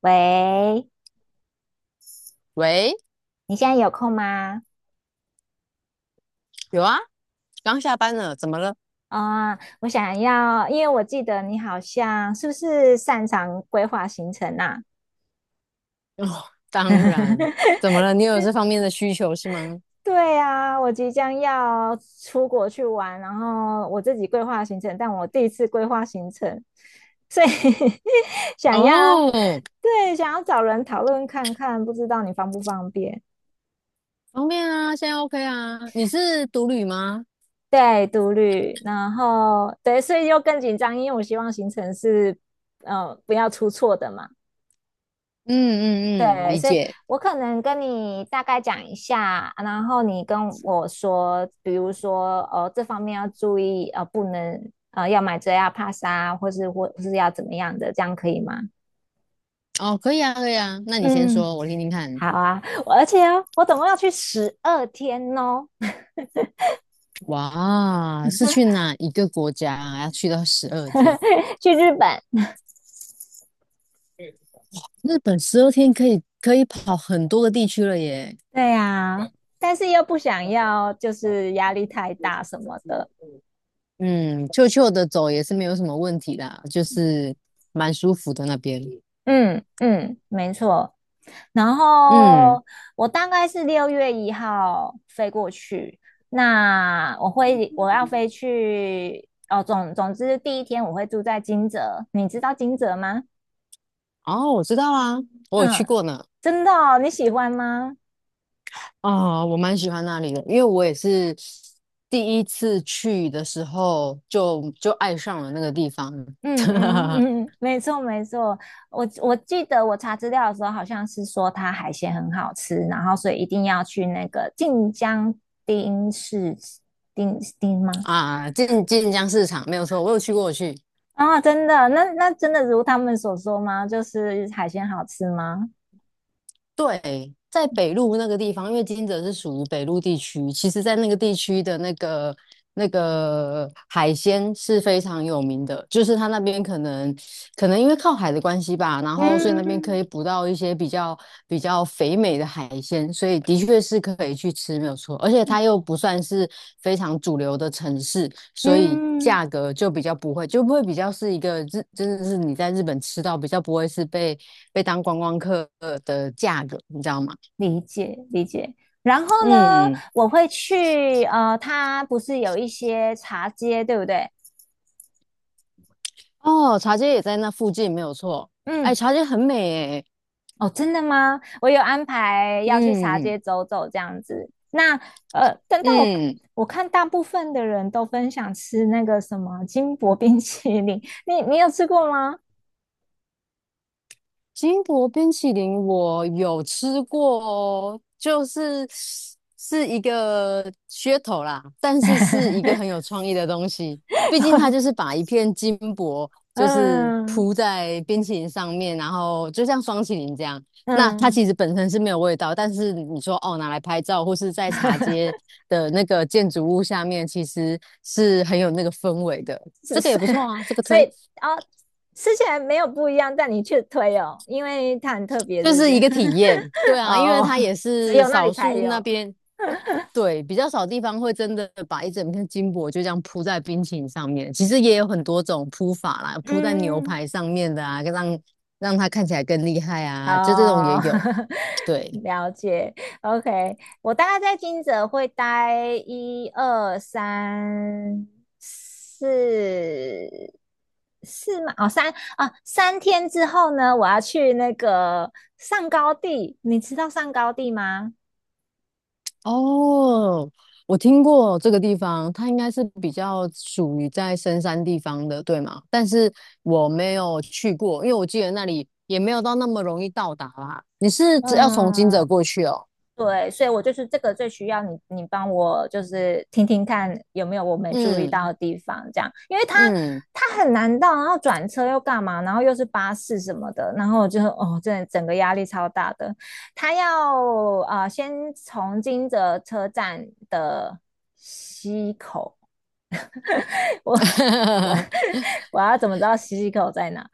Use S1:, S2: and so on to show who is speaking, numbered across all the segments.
S1: 喂，
S2: 喂，
S1: 你现在有空吗？
S2: 有啊，刚下班了，怎么了？
S1: 我想要，因为我记得你好像是不是擅长规划行程啊？
S2: 哦，当然，怎么了？你有这方面的需求是吗？
S1: 对啊，我即将要出国去玩，然后我自己规划行程，但我第一次规划行程，所以 想要，
S2: 哦，
S1: 对，想要找人讨论看看，不知道你方不方便？
S2: 方便啊，现在 OK 啊。你是独旅吗？
S1: 对，独旅，然后对，所以又更紧张，因为我希望行程是，不要出错的嘛。
S2: 嗯嗯嗯，理
S1: 对，
S2: 解。
S1: 我可能跟你大概讲一下，然后你跟我说，比如说，这方面要注意，不能，要买遮压帕莎，或是要怎么样的，这样可以吗？
S2: 哦，可以啊，可以啊。那你先
S1: 嗯，
S2: 说，我听听看。
S1: 好啊，我而且总共要去12天哦，
S2: 哇，是去哪一个国家啊？要去到十二天？
S1: 去日本。
S2: 日本十二天可以跑很多个地区了耶。
S1: 对呀，但是又不想要，就是压力太大什么的。
S2: 嗯，悄悄的走也是没有什么问题啦，就是蛮舒服的那边。
S1: 嗯嗯，没错。然
S2: 嗯。
S1: 后我大概是6月1号飞过去，那我要飞去哦，总之第一天我会住在金泽，你知道金泽吗？
S2: 哦，我知道啊，我有去
S1: 嗯，
S2: 过呢。
S1: 真的哦，你喜欢吗？
S2: 啊，我蛮喜欢那里的，因为我也是第一次去的时候就爱上了那个地方。
S1: 嗯 嗯嗯，没错没错，我记得我查资料的时候，好像是说它海鲜很好吃，然后所以一定要去那个晋江町市町町吗？
S2: 啊，晋江市场没有错，我有去过，我去。
S1: 啊，真的，那那真的如他们所说吗？就是海鲜好吃吗？
S2: 对，在北路那个地方，因为金泽是属于北路地区，其实，在那个地区的那个海鲜是非常有名的，就是它那边可能因为靠海的关系吧，然后所以那边可
S1: 嗯
S2: 以捕到一些比较肥美的海鲜，所以的确是可以去吃，没有错。而且它又不算是非常主流的城市，所以
S1: 嗯，
S2: 价格就比较不会，就不会比较是一个日，真的是你在日本吃到比较不会是被。被当观光客的价格，你知道吗？
S1: 理解理解。然后呢，
S2: 嗯，
S1: 我会去它不是有一些茶街，对不对？
S2: 哦，茶街也在那附近，没有错。
S1: 嗯，
S2: 哎，茶街很美诶，
S1: 哦，真的吗？我有安排要去茶
S2: 嗯
S1: 街走走这样子。那呃，但但我
S2: 嗯。
S1: 我看大部分的人都分享吃那个什么金箔冰淇淋，你有吃过吗？
S2: 金箔冰淇淋我有吃过哦，就是是一个噱头啦，但是是一个 很有创意的东西。毕竟它就是把一片金箔就是
S1: 嗯
S2: 铺在冰淇淋上面，然后就像双淇淋这样。那它
S1: 嗯，
S2: 其实本身是没有味道，但是你说哦拿来拍照或是在茶街的那个建筑物下面，其实是很有那个氛围的。
S1: 是
S2: 这个也
S1: 是，
S2: 不错啊，这 个
S1: 所
S2: 推。
S1: 以啊哦，吃起来没有不一样，但你却推哦，因为它很特别，
S2: 就
S1: 对不
S2: 是
S1: 对？
S2: 一个体验。对 啊，因为
S1: 哦，
S2: 它也
S1: 只
S2: 是
S1: 有那里
S2: 少
S1: 才
S2: 数那
S1: 有。
S2: 边，对，比较少地方会真的把一整片金箔就这样铺在冰淇淋上面。其实也有很多种铺法啦，铺在牛
S1: 嗯，
S2: 排上面的啊，让它看起来更厉害啊，就这种也
S1: 哦，
S2: 有。对，
S1: 了解。OK,我大概在金泽会待一二三四四嘛，哦三3天之后呢，我要去那个上高地，你知道上高地吗？
S2: 哦，我听过这个地方，它应该是比较属于在深山地方的，对吗？但是我没有去过，因为我记得那里也没有到那么容易到达啦。你是只要从金
S1: 嗯，
S2: 泽过去哦？
S1: 对，所以我就是这个最需要你，你帮我就是听听看有没有我没注意到
S2: 嗯
S1: 的地方，这样，因为他
S2: 嗯，
S1: 他很难到，然后转车又干嘛，然后又是巴士什么的，然后我就哦，真的整个压力超大的。他要先从金泽车站的西口，我我 我要怎么知道西口在哪？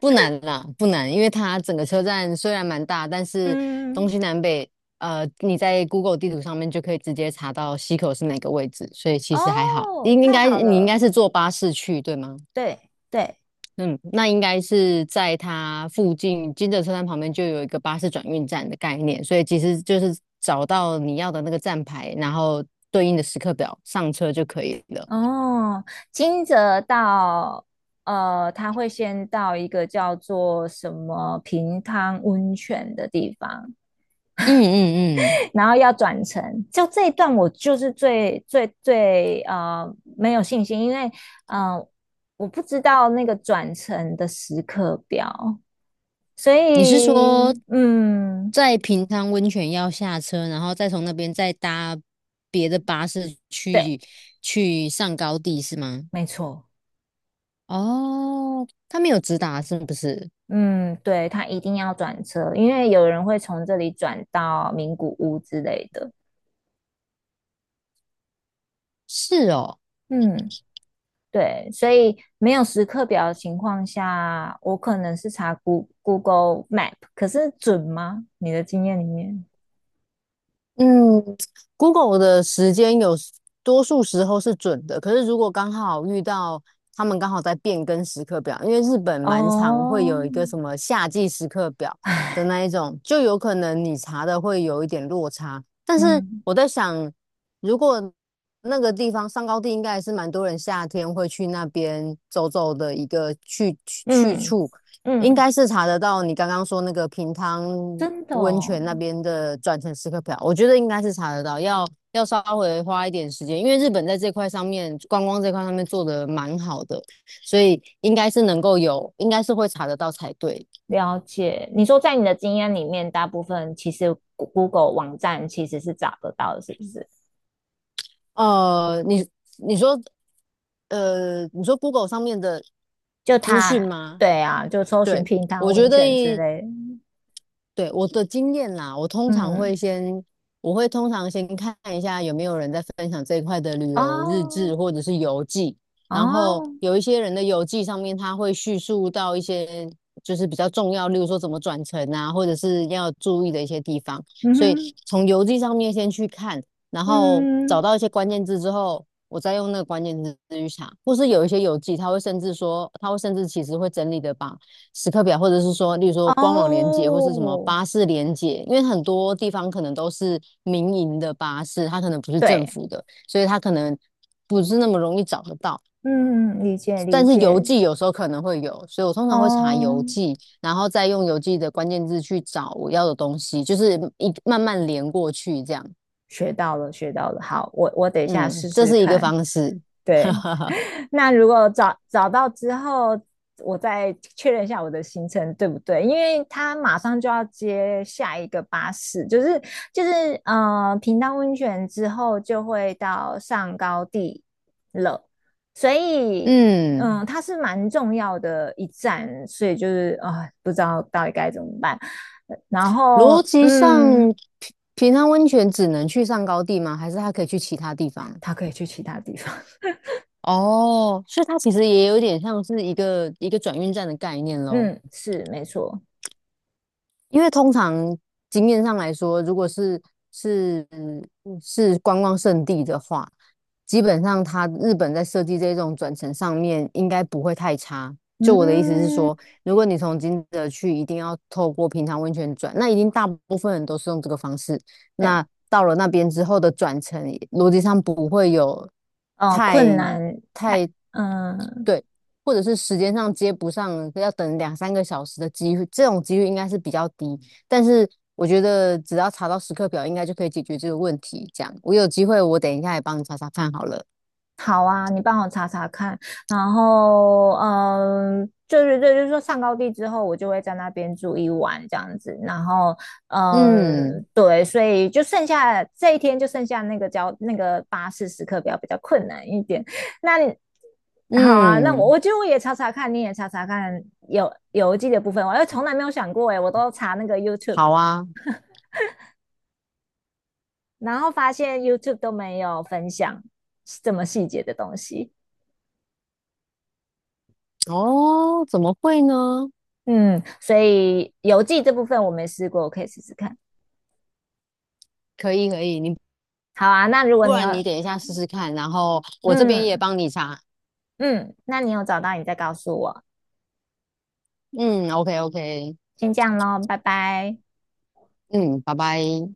S2: 不难啦，不难，因为它整个车站虽然蛮大，但是东
S1: 嗯，
S2: 西南北，你在 Google 地图上面就可以直接查到溪口是哪个位置，所以其实还好。
S1: 哦，
S2: 应应
S1: 太
S2: 该
S1: 好
S2: 你应该
S1: 了，
S2: 是坐巴士去，对吗？
S1: 对对。
S2: 嗯，那应该是在它附近金泽车站旁边就有一个巴士转运站的概念，所以其实就是找到你要的那个站牌，然后对应的时刻表上车就可以了。
S1: 哦，金泽到他会先到一个叫做什么平汤温泉的地方，
S2: 嗯嗯嗯，
S1: 然后要转乘。就这一段，我就是最没有信心，因为嗯、呃，我不知道那个转乘的时刻表，所
S2: 你是说
S1: 以嗯，
S2: 在平昌温泉要下车，然后再从那边再搭别的巴士
S1: 对，
S2: 去上高地是吗？
S1: 没错。
S2: 哦，他没有直达是不是？
S1: 嗯，对，他一定要转车，因为有人会从这里转到名古屋之类的。
S2: 是哦。
S1: 嗯。对，所以没有时刻表的情况下，我可能是查 Goo- g l e Map,可是准吗？你的经验里面？
S2: 嗯，Google 的时间多数时候是准的，可是如果刚好遇到他们刚好在变更时刻表，因为日本蛮常会
S1: 哦，
S2: 有一个什么夏季时刻表的
S1: 唉
S2: 那一种，就有可能你查的会有一点落差。但是
S1: 嗯
S2: 我在想，如果那个地方上高地应该还是蛮多人夏天会去那边走走的一个去
S1: 嗯
S2: 处，应
S1: 嗯，
S2: 该是查得到你刚刚说那个平汤
S1: 真的
S2: 温
S1: 哦，
S2: 泉那边的转乘时刻表，我觉得应该是查得到，要稍微花一点时间，因为日本在这块上面观光这块上面做的蛮好的，所以应该是能够有，应该是会查得到才对。
S1: 了解。你说在你的经验里面，大部分其实 Goo- g l e 网站其实是找得到的，是不是？
S2: 呃，你你说，你说 Google 上面的
S1: 就
S2: 资讯
S1: 它，
S2: 吗？
S1: 对啊，就搜寻
S2: 对，
S1: 平汤
S2: 我觉
S1: 温
S2: 得
S1: 泉之类的
S2: 对，我的经验啦，
S1: 嗯，
S2: 我会通常先看一下有没有人在分享这一块的旅游日
S1: 哦
S2: 志或者是游记，然后
S1: 哦，
S2: 有一些人的游记上面他会叙述到一些就是比较重要，例如说怎么转乘啊，或者是要注意的一些地方，
S1: 嗯
S2: 所以
S1: 哼，
S2: 从游记上面先去看，然后找
S1: 嗯。
S2: 到一些关键字之后，我再用那个关键字去查，或是有一些游记他会甚至说，他会甚至其实会整理的把。时刻表，或者是说，例如说官网连接或是什么
S1: 哦，
S2: 巴士连接，因为很多地方可能都是民营的巴士，它可能不是政
S1: 对，
S2: 府的，所以它可能不是那么容易找得到。
S1: 嗯，理解理
S2: 但是邮
S1: 解，
S2: 寄有时候可能会有，所以我通常会查
S1: 哦，
S2: 邮寄，然后再用邮寄的关键字去找我要的东西，就是一慢慢连过去这样。
S1: 学到了学到了，好，我等一下
S2: 嗯，
S1: 试
S2: 这
S1: 试
S2: 是一个
S1: 看，
S2: 方式。哈
S1: 对，
S2: 哈哈。
S1: 那如果找到之后，我再确认一下我的行程对不对？因为他马上就要接下一个巴士，就是平潭温泉之后就会到上高地了，所以
S2: 嗯，
S1: 嗯，它是蛮重要的一站，所以就是不知道到底该怎么办。然
S2: 逻
S1: 后
S2: 辑上，
S1: 嗯，
S2: 平常温泉只能去上高地吗？还是它可以去其他地方？
S1: 他可以去其他地方，
S2: 哦，所以它其实也有点像是一个转运站的概念 喽。
S1: 嗯，是没错，
S2: 因为通常经验上来说，如果是嗯是观光胜地的话，基本上它日本在设计这种转乘上面应该不会太差。就我的意思是
S1: 嗯，
S2: 说，如果你从金泽去，一定要透过平常温泉转，那一定大部分人都是用这个方式。
S1: 对。
S2: 那到了那边之后的转乘，逻辑上不会有太
S1: 困难，哎
S2: 太
S1: 嗯，
S2: 对，或者是时间上接不上，要等两三个小时的机会，这种几率应该是比较低。但是我觉得只要查到时刻表，应该就可以解决这个问题。这样，我有机会，我等一下也帮你查查看好了。
S1: 好啊，你帮我查查看，然后嗯，就是对，就是说上高地之后，我就会在那边住一晚这样子，然后嗯，
S2: 嗯
S1: 对，所以就剩下这一天就剩下那个交那个巴士时刻表比较困难一点，那你好啊，那我
S2: 嗯，
S1: 我觉得我也查查看，你也查查看有邮寄的部分，我从来没有想过诶，我都查那个 YouTube,
S2: 好啊。
S1: 然后发现 YouTube 都没有分享这么细节的东西。
S2: 哦，怎么会呢？
S1: 嗯，所以邮寄这部分我没试过，我可以试试看。
S2: 可以可以，你
S1: 好啊，那如果
S2: 不
S1: 你有，
S2: 然你等一下试试看，然后我这边也
S1: 嗯
S2: 帮你查。
S1: 嗯，那你有找到，你再告诉我。
S2: 嗯，OK OK,
S1: 先这样咯，拜拜。
S2: 嗯，拜拜。